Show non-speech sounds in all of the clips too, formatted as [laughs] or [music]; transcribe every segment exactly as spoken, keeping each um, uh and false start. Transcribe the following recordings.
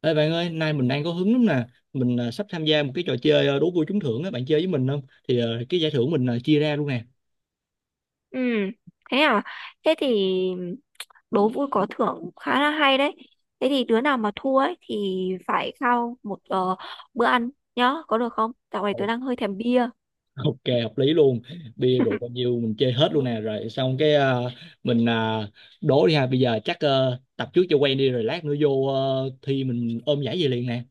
Ê bạn ơi, nay mình đang có hứng lắm nè. Mình à, sắp tham gia một cái trò chơi à, đố vui trúng thưởng á, bạn chơi với mình không? Thì à, cái giải thưởng mình à, chia ra luôn nè. Ừ, thế à? Thế thì đố vui có thưởng khá là hay đấy. Thế thì đứa nào mà thua ấy thì phải khao một ờ, bữa ăn nhá, có được không? Dạo này Ồ, tớ đang hơi thèm bia. [laughs] Ok, hợp lý luôn. Bia rượu bao nhiêu mình chơi hết luôn nè. Rồi xong cái à, mình à, đố đi ha. Bây giờ chắc ờ, tập trước cho quen đi rồi lát nữa vô ờ, thi mình ôm giải về liền nè.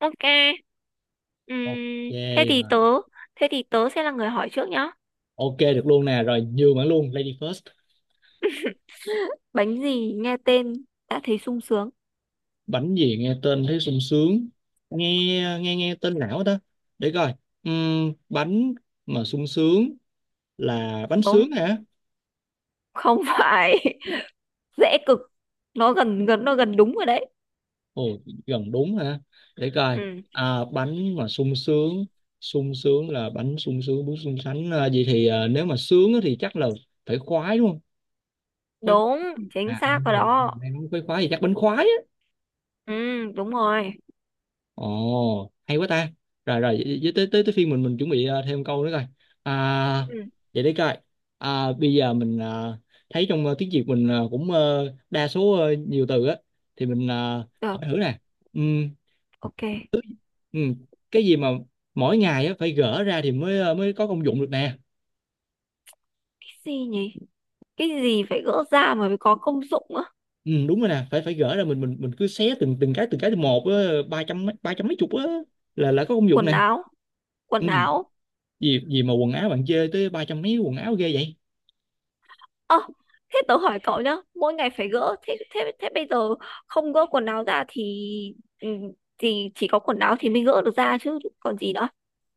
Ok. Ok Ừm, thế thì rồi. tớ, thế thì tớ sẽ là người hỏi trước nhá. Ok được luôn nè. Rồi nhường bạn luôn, Lady First. Bánh gì nghe tên đã thấy sung sướng? Bánh gì nghe tên thấy sung sướng. Nghe nghe nghe tên lão đó. Để coi. Ừm, bánh mà sung sướng là bánh Đúng, sướng hả? không phải. [laughs] Dễ cực. Nó gần gần nó gần đúng rồi đấy. Ồ, gần đúng hả? Để coi. Ừ, À, bánh mà sung sướng, sung sướng là bánh sung sướng, bún sung sánh. À, vậy thì à, nếu mà sướng á thì chắc là phải khoái đúng không? Khoái đúng, khoái. chính À xác rồi không, đó. em nói khoái khoái thì chắc bánh khoái á. Ừ, đúng rồi. Ồ hay quá ta. Rồi rồi với với- tới tới tới phiên mình mình chuẩn bị à, thêm câu nữa coi. À, Ừ, vậy để coi. À, bây giờ mình à, thấy trong à, tiếng Việt mình à, cũng ờ, đa số ờ, nhiều từ á, thì mình à, được, hỏi thử nè. Ừ, ok. Cái ừ. Cái gì mà mỗi ngày á phải gỡ ra thì mới ờ, mới có công dụng được nè? gì nhỉ? Cái gì phải gỡ ra mà mới có công dụng á? Ừ, đúng rồi nè, phải phải gỡ ra, mình mình mình cứ xé từng từng cái, từng cái từng một á, ba trăm mấy- ba trăm mấy chục á là là có công dụng quần nè. áo Ừ. quần áo Gì gì mà quần áo bạn chê tới ba trăm mấy quần áo ghê vậy? Ơ thế tớ hỏi cậu nhá, mỗi ngày phải gỡ, thế thế thế bây giờ không gỡ quần áo ra thì, ừ, thì chỉ có quần áo thì mới gỡ được ra chứ còn gì nữa?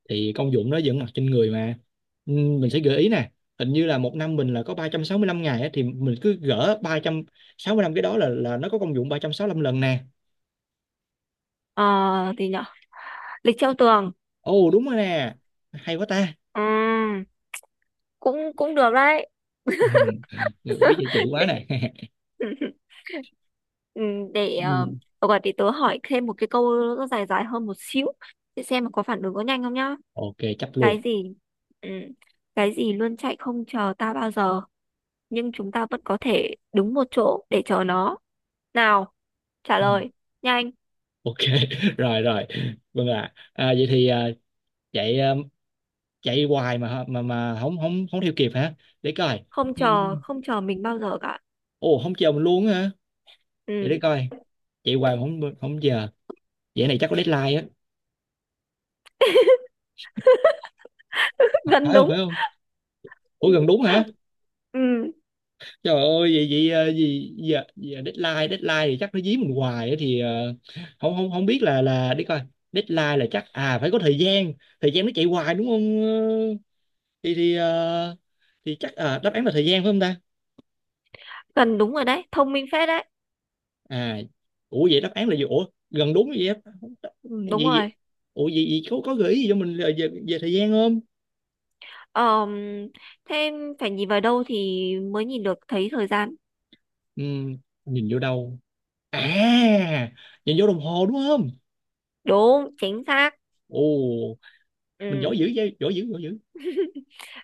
Thì công dụng nó vẫn mặc trên người mà. Ừ, mình sẽ gợi ý nè. Hình như là một năm mình là có ba trăm sáu mươi lăm ngày á, thì mình cứ gỡ ba trăm sáu mươi lăm cái, đó là là nó có công dụng ba trăm sáu mươi lăm lần nè. Ờ thì nhở, lịch treo tường. Ồ đúng rồi nè, hay quá ta. Ừ, cũng cũng được đấy. Ừ. [laughs] Biết chạy chữ [laughs] quá Để nè. [laughs] [laughs] ừ, để Ừ. uh, gọi để tớ hỏi thêm một cái câu, nó dài dài hơn một xíu, để xem mà có phản ứng có nhanh không nhá. Ok chấp luôn. Cái gì, ừ, cái gì luôn chạy không chờ ta bao giờ, nhưng chúng ta vẫn có thể đứng một chỗ để chờ nó nào, trả Ừ. lời nhanh. Ok. [laughs] Rồi rồi. Vâng ạ. À, vậy thì à, chạy à, chạy hoài mà hả- mà mà không không không theo kịp hả? Để coi. Không chờ, Ừm, không chờ mình bao giờ cả. ồ không chờ mình luôn á hả? Để để Ừ, coi, chạy hoài mà không không chờ. Vậy này chắc có deadline á, [laughs] phải gần không đúng. phải không? Ủa Ừ, gần đúng hả? ừ, Trời ơi vậy vậy ờ, gì giờ, giờ deadline, deadline thì chắc nó dí mình hoài á, thì ờ, không không không biết là là đi coi. Deadline là chắc à phải có thời gian, thời gian nó chạy hoài đúng không? Ờ, thì thì ờ, thì chắc à, đáp án là thời gian phải không ta? gần đúng rồi đấy, thông minh phết đấy. À, ủa vậy đáp án là gì? Ủa gần đúng vậy á? Không, đáp- Đúng vậy vậy, rồi. ủa vậy, vậy có có gợi ý gì cho mình là về, về thời gian không? Ờm, Thế phải nhìn vào đâu thì mới nhìn được thấy thời gian? Ừ, nhìn vô đâu? À, nhìn vô đồng hồ đúng không? Đúng chính xác. Ồ mình Ừ. giỏi dữ vậy, giỏi dữ, giỏi dữ.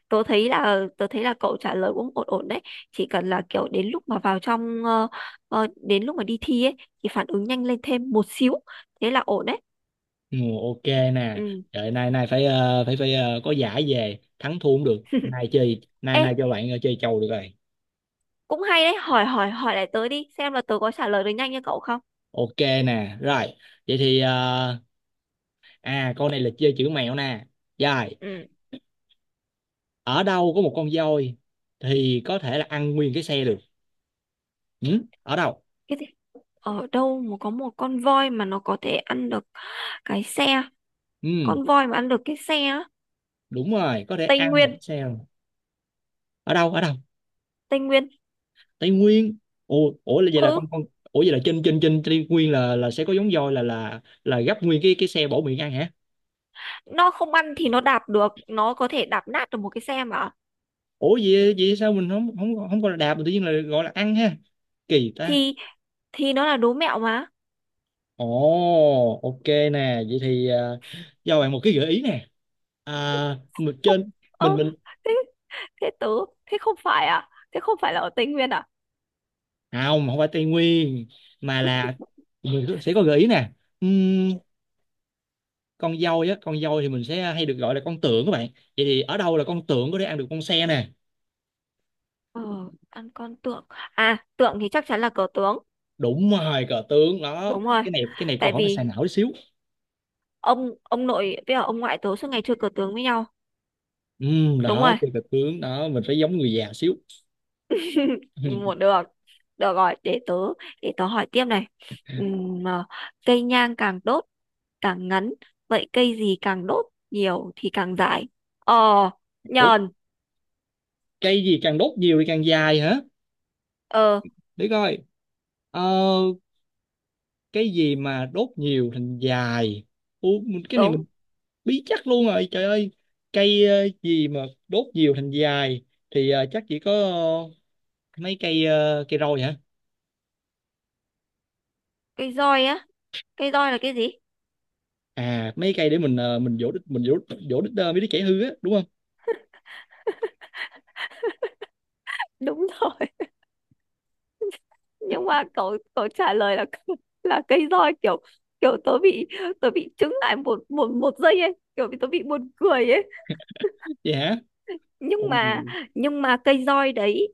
Tớ thấy là, tớ thấy là cậu trả lời cũng ổn ổn đấy, chỉ cần là kiểu đến lúc mà vào trong ờ, ờ, đến lúc mà đi thi ấy thì phản ứng nhanh lên thêm một xíu, thế là ổn đấy. Ừ, ok nè. Ừ. Trời, nay nay phải ờ, phải phải ờ, có giải về, thắng thua cũng được, nay chơi, nay [laughs] Ê, nay cho bạn ờ, chơi chầu được rồi. cũng hay đấy, hỏi hỏi hỏi lại tớ đi xem là tớ có trả lời được nhanh như cậu không. Ok nè rồi. Vậy thì ờ, à con này là chơi chữ mẹo nè. Rồi, Ừ, ở đâu có một con voi thì có thể là ăn nguyên cái xe được? Ừ? Ở đâu? cái gì, ở đâu mà có một con voi mà nó có thể ăn được cái xe? Ừ, Con voi mà ăn được cái xe á? đúng rồi, có thể Tây ăn một cái Nguyên. xe luôn. Ở đâu ở đâu? Tây Nguyên. Tây Nguyên? Ủa ủa là vậy là Ừ, con con ủa vậy là trên trên trên Tây Nguyên là là sẽ có giống voi là là là gấp nguyên cái cái xe bổ miệng ăn hả? nó không ăn thì nó đạp được, nó có thể đạp nát được một cái xe mà. Ủa vậy vậy sao mình không không không gọi là đạp mà tự nhiên là gọi là ăn ha? Kỳ ta. Thì thì nó là đố mẹo mà. Ồ ok nè. Vậy thì à, cho bạn một cái gợi ý nè. À, mình Không, trên, mình ơ, mình thế thế tớ thế không phải à, thế không phải là ở Tây Nguyên à? không, không phải Tây Nguyên, mà là mình có- sẽ có gợi ý nè. Ừm, con dâu á, con dâu thì mình sẽ hay được gọi là con tượng các bạn. Vậy thì ở đâu là con tượng có thể ăn được con xe nè? Ờ, ăn con tượng, à tượng thì chắc chắn là cờ tướng. Đúng rồi cờ tướng đó. Đúng rồi. Cái này cái này câu Tại hỏi phải xài vì não tí xíu. ông ông nội với cả ông ngoại tớ suốt ngày chơi cờ tướng với nhau. Ừm, đúng đó rồi. chơi cờ tướng đó mình phải giống người già xíu. [laughs] Một [laughs] được, được rồi, để tớ, để tớ hỏi tiếp này. Ừm, à, cây nhang càng đốt càng ngắn, vậy cây gì càng đốt nhiều thì càng dài? Ờ Ủa nhờn. cây gì càng đốt nhiều thì càng dài hả? Ờ Để coi. ờ, cái gì mà đốt nhiều thành dài? Ủa, mình- cái này đúng. mình bí chắc luôn rồi trời ơi. Cây ờ, gì mà đốt nhiều thành dài thì ờ, chắc chỉ có ờ, mấy cây ờ, cây roi hả? Cây roi á? Cây roi là cái gì? À mấy cây để mình ờ, mình vỗ đít, mình vỗ vỗ đít ờ, mấy đứa trẻ hư á đúng không? Đúng rồi, nhưng mà cậu cậu trả lời là [laughs] là cây roi, kiểu kiểu tớ bị, tớ bị chững lại một một một giây ấy, kiểu bị, tớ bị buồn cười ấy. Vậy hả? Nhưng Ồ. mà, nhưng mà cây roi đấy,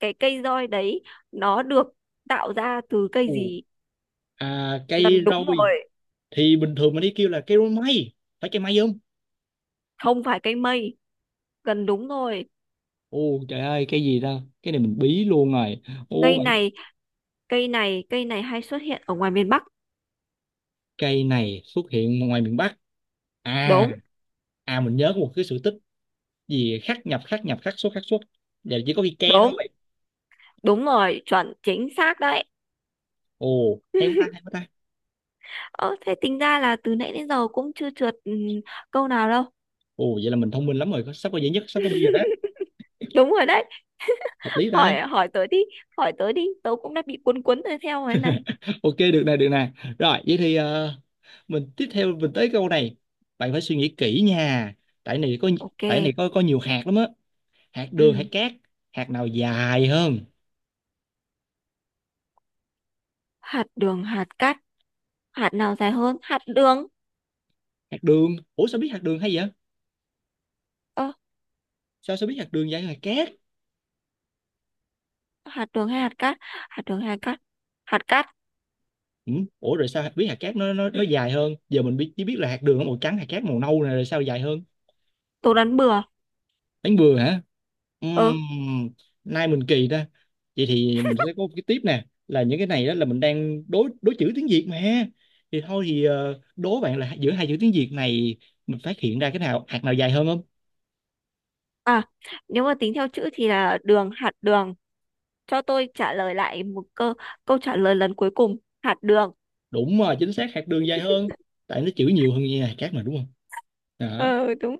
cái cây roi đấy nó được tạo ra từ cây Ồ. gì? À Gần cây đúng roi rồi. thì bình thường mình đi kêu là cây roi mây, phải cây mây không? Không phải cây mây. Gần đúng rồi. Ồ trời ơi cây gì ta, cái này mình bí luôn rồi. Ồ Cây này cây này cây này hay xuất hiện ở ngoài miền Bắc. cây này xuất hiện ngoài miền Bắc? À, Đúng. à mình nhớ có một cái sự tích gì khắc nhập khắc nhập khắc xuất khắc xuất. Giờ chỉ có cây ke đúng thôi. đúng rồi, chuẩn, chính xác đấy. Ồ hay quá ta, hay quá ta. Ờ, thế tính ra là từ nãy đến giờ cũng chưa trượt, ừ, câu nào đâu. Ồ vậy là mình thông minh lắm rồi, sắp có giải nhất, sắp có bi rồi đó. Đúng rồi đấy. Hợp lý ta. Hỏi hỏi tớ đi, hỏi tớ đi, tớ cũng đã bị cuốn cuốn rồi theo thế này. Ok được nè, được nè. Rồi vậy thì ờ, mình tiếp theo, mình tới câu này, bạn phải suy nghĩ kỹ nha. Tại này có tại này Ok. có có nhiều hạt lắm á. Hạt đường, hạt Ừ, cát, hạt nào dài hơn? hạt đường hạt cát, hạt nào dài hơn hạt đường? Hạt đường? Ủa sao biết hạt đường hay vậy? Ờ, Sao sao biết hạt đường dài hơn hạt cát? hạt đường hay hạt cát, hạt đường hay hạt cát, hạt cát. Ừ. Ủa rồi sao biết hạt cát nó nó nó dài hơn? Giờ mình biết chỉ biết là hạt đường nó màu trắng, hạt cát màu nâu này, rồi sao dài hơn? Tớ đoán bừa. Đánh bừa hả? Ờ Ừm, Nay mình kỳ ta. Vậy thì mình sẽ có một cái tiếp nè, là những cái này đó là mình đang đối đối chữ tiếng Việt mà. Thì thôi thì ờ, đố bạn là giữa hai chữ tiếng Việt này mình phát hiện ra cái nào, hạt nào dài hơn không? à, nếu mà tính theo chữ thì là đường, hạt đường. Cho tôi trả lời lại một câu, câu trả lời lần cuối cùng: hạt đường. Đúng rồi, chính xác hạt đường dài hơn. Tại nó chữ nhiều hơn như hạt cát mà đúng không? Đó, Ờ đúng.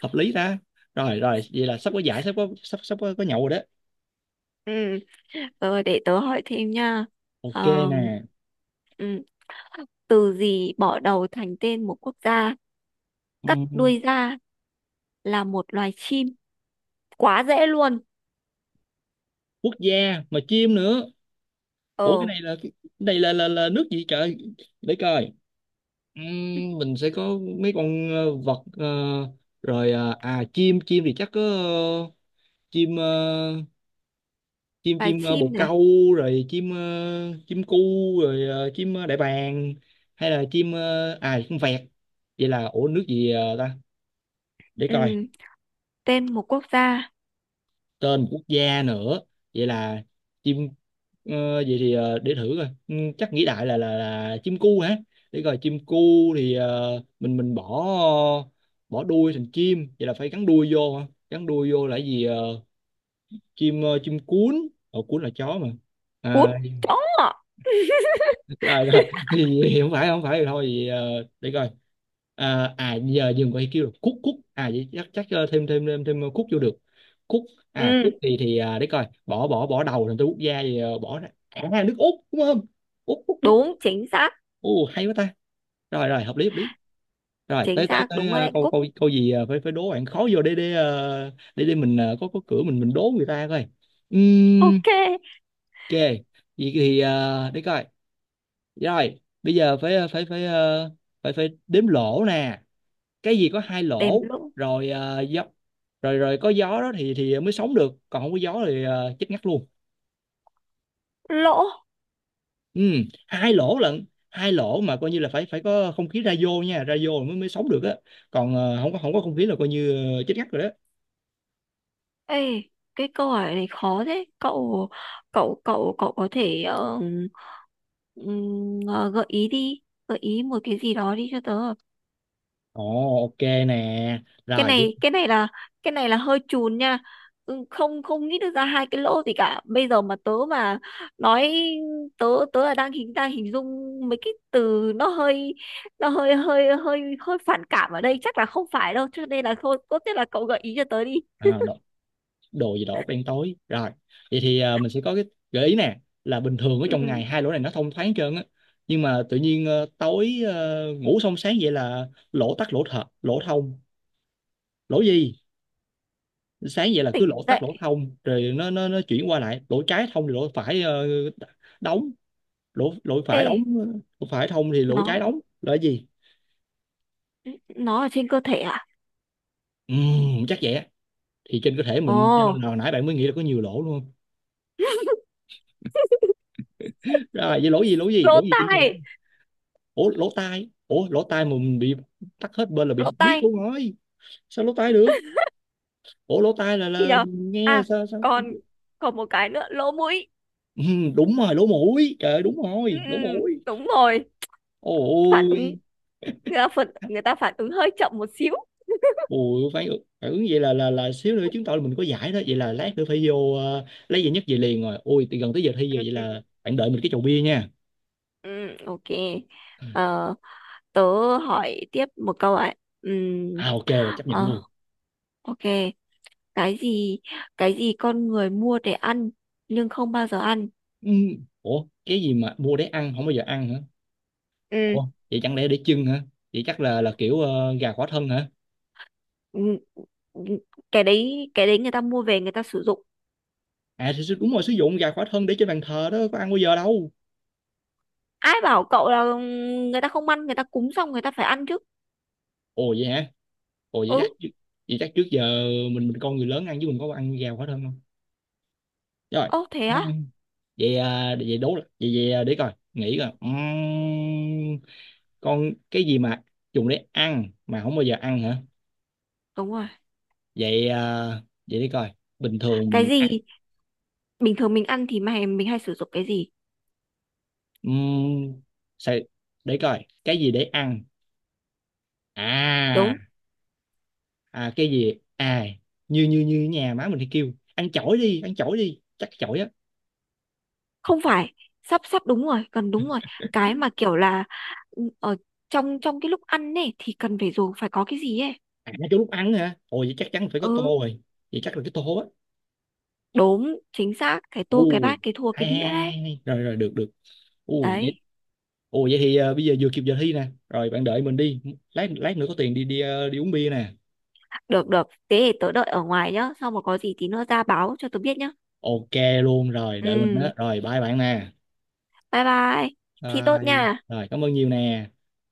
hợp lý ta. Rồi rồi, vậy là sắp có giải, sắp có, sắp sắp có, có nhậu rồi đó. Ừ. Ờ, để tớ hỏi thêm nha. Ok Ờm, nè. ừ. Từ gì bỏ đầu thành tên một quốc gia, Ừ. cắt đuôi ra là một loài chim? Quá dễ luôn. Quốc gia mà chim nữa? Ủa cái Ờ, này là cái này là là, là nước gì trời? Để coi. Ừm, mình sẽ có mấy con ờ, vật ờ, rồi ờ, à chim, chim thì chắc có ờ, chim ờ, chim loài chim ờ, bồ chim này. câu, rồi chim ờ, chim cu, rồi ờ, chim ờ, đại bàng, hay là chim ờ, à chim vẹt. Vậy là ủa nước gì ờ, ta? Để coi. Ừ. Tên một quốc gia. Tên quốc gia nữa? Vậy là chim ờ, vậy thì ờ, để thử coi. Ừ, chắc nghĩ đại là là là chim cu hả, để coi chim cu thì ờ, mình mình bỏ, bỏ đuôi thành chim, vậy là phải gắn đuôi vô hả, gắn đuôi vô là gì? ờ, Chim ờ, chim cuốn, ở cuốn là chó mà. Cút. À, Chó. rồi rồi, [laughs] thì, thì không phải không phải thì thôi thì, ờ, để coi. À, à giờ dừng coi kêu được cút cút, à vậy chắc chắc ờ, thêm thêm thêm thêm cút vô được, cút. À cút Ừ. thì thì à, để coi, bỏ bỏ bỏ đầu thành tôi quốc gia thì ờ, bỏ ra à nước Úc đúng không? Úc Úc Úc. Đúng chính xác. Ồ hay quá ta. Rồi rồi, hợp lý hợp lý. Rồi Chính tới tới xác tới đúng rồi ờ, đấy, câu cúc. câu câu gì ờ, phải phải đố bạn khó vô để để ờ, để để mình ờ, có có cửa, mình mình đố người ta coi. Ừm, Ok. ok. Vậy thì ờ, để coi. Rồi, bây giờ phải ờ, phải phải ờ, phải phải đếm lỗ nè. Cái gì có hai Đếm lỗ, lỗ. rồi ờ, gió, rồi rồi có gió đó thì thì mới sống được, còn không có gió thì ờ, chết ngắt luôn. Lỗ. Ừ, hai lỗ lận, hai lỗ mà coi như là phải phải có không khí ra vô nha, ra vô mới mới sống được á. Còn ờ, không có không có không khí là coi như ờ, chết ngắt rồi đó. Ê, cái câu hỏi này khó thế cậu, cậu cậu cậu có thể ờ, ừm, ờ, gợi ý đi, gợi ý một cái gì đó đi cho tớ. Ồ, ok nè. cái Rồi, này cái này là cái này là hơi chùn nha. Ừ, không, không nghĩ được ra hai cái lỗ gì cả bây giờ mà tớ mà nói. Tớ, tớ là đang hình, đang hình dung mấy cái từ nó hơi, nó hơi hơi hơi hơi phản cảm ở đây, chắc là không phải đâu cho nên là thôi tốt nhất là cậu gợi ý cho tớ đi. à, đồ gì đó đen tối rồi. Vậy thì ờ, mình sẽ có cái gợi ý nè, là bình thường ở trong Ừ, ngày, hai lỗ này nó thông thoáng hết trơn á, nhưng mà tự nhiên ờ, tối ờ, ngủ xong sáng vậy là lỗ tắc lỗ thật lỗ thông, lỗ gì, sáng vậy là cứ tỉnh lỗ tắc lỗ dậy. thông, rồi nó nó nó chuyển qua lại, lỗ trái thông thì lỗ phải ờ, đóng, lỗ lỗ Ê, phải đóng ờ, lỗ phải thông thì lỗ trái nó đóng, là cái gì? nó ở trên cơ thể à? Ừm, chắc vậy á, thì trên cơ thể mình, cho nên Ồ, là hồi nãy bạn mới nghĩ là có nhiều lỗ luôn. Rồi vậy lỗ gì, lỗ gì lỗ lỗ gì trên cơ thể? tai. Ủa lỗ tai? Ủa lỗ tai mà mình bị tắc hết bên là bị Lỗ điếc tai. luôn rồi, sao lỗ tai được? Ủa lỗ tai là Thì là nhờ mình nghe là à, sao sao? còn, còn một cái nữa, lỗ mũi. Ừ, đúng rồi lỗ mũi, trời ơi, đúng Ừ, rồi ừ, lỗ mũi. đúng rồi. Phản Ôi, ứng, người ta phản người ta phản ứng hơi chậm một xíu. ôi phải, phải ứng vậy là là là xíu nữa chứng tỏ là mình có giải đó, vậy là lát nữa phải vô ờ, lấy giải nhất về liền rồi, ôi thì gần tới giờ thi rồi, Ừ, vậy ừ. là bạn đợi mình cái chầu bia nha. Ừ, ok. Ờ, tớ hỏi tiếp một câu ạ. Ừm, À ok rồi chấp nhận ờ, luôn. ok. Cái gì, cái gì con người mua để ăn nhưng không bao giờ ăn? Ừ. Ủa cái gì mà mua để ăn không bao giờ ăn hả? Ừm, Ủa vậy chẳng lẽ để chưng hả? Vậy chắc là là kiểu ờ, gà khỏa thân hả? ừm, ừm, cái đấy, cái đấy người ta mua về người ta sử dụng. À thì đúng rồi, sử dụng gà khỏa thân để trên bàn thờ đó có ăn bao giờ đâu. Ai bảo cậu là người ta không ăn, người ta cúng xong người ta phải ăn chứ. Ồ vậy hả? Ồ vậy chắc Ừ. trước- vậy chắc trước giờ mình mình con người lớn ăn chứ mình có ăn gà khỏa thân không? Rồi. Ô thế Ừ. á. Vậy à, vậy đố lại. Vậy vậy à, để coi, nghĩ coi. Ừm, con cái gì mà dùng để ăn mà không bao giờ ăn hả? Đúng rồi. Vậy à, vậy để coi. Bình thường Cái mình ăn. gì, bình thường mình ăn thì mà mình hay sử dụng cái gì? Ừm, sao để coi cái gì để ăn? À, Đúng. à, cái gì à, như như như nhà má mình thì kêu ăn chổi đi, ăn chổi đi, chắc chổi á. Không phải, sắp, sắp đúng rồi, cần đúng rồi. Cái mà kiểu là, ừ, ở trong trong cái lúc ăn ấy thì cần phải dùng, phải có cái gì ấy. À cái lúc ăn hả? Ôi vậy chắc chắn phải có tô Ừ, rồi, vậy chắc là cái tô á. đúng chính xác, cái tô, cái Ù, bát, cái thua, cái hay, hay, đĩa hay, đấy. hay. Rồi rồi được được. Ù vậy, Đấy, ù vậy thì ờ, bây giờ vừa kịp giờ thi nè, rồi bạn đợi mình đi, lát lát nữa có tiền đi, đi ờ, đi uống bia nè. được được, thế thì tớ đợi ở ngoài nhá, xong mà có gì tí nữa ra báo cho tớ biết nhá. Ok luôn rồi, đợi mình đó, Ừ. rồi bye bạn nè. Bye bye. Thi tốt nha. Bye. Rồi cảm ơn nhiều nè.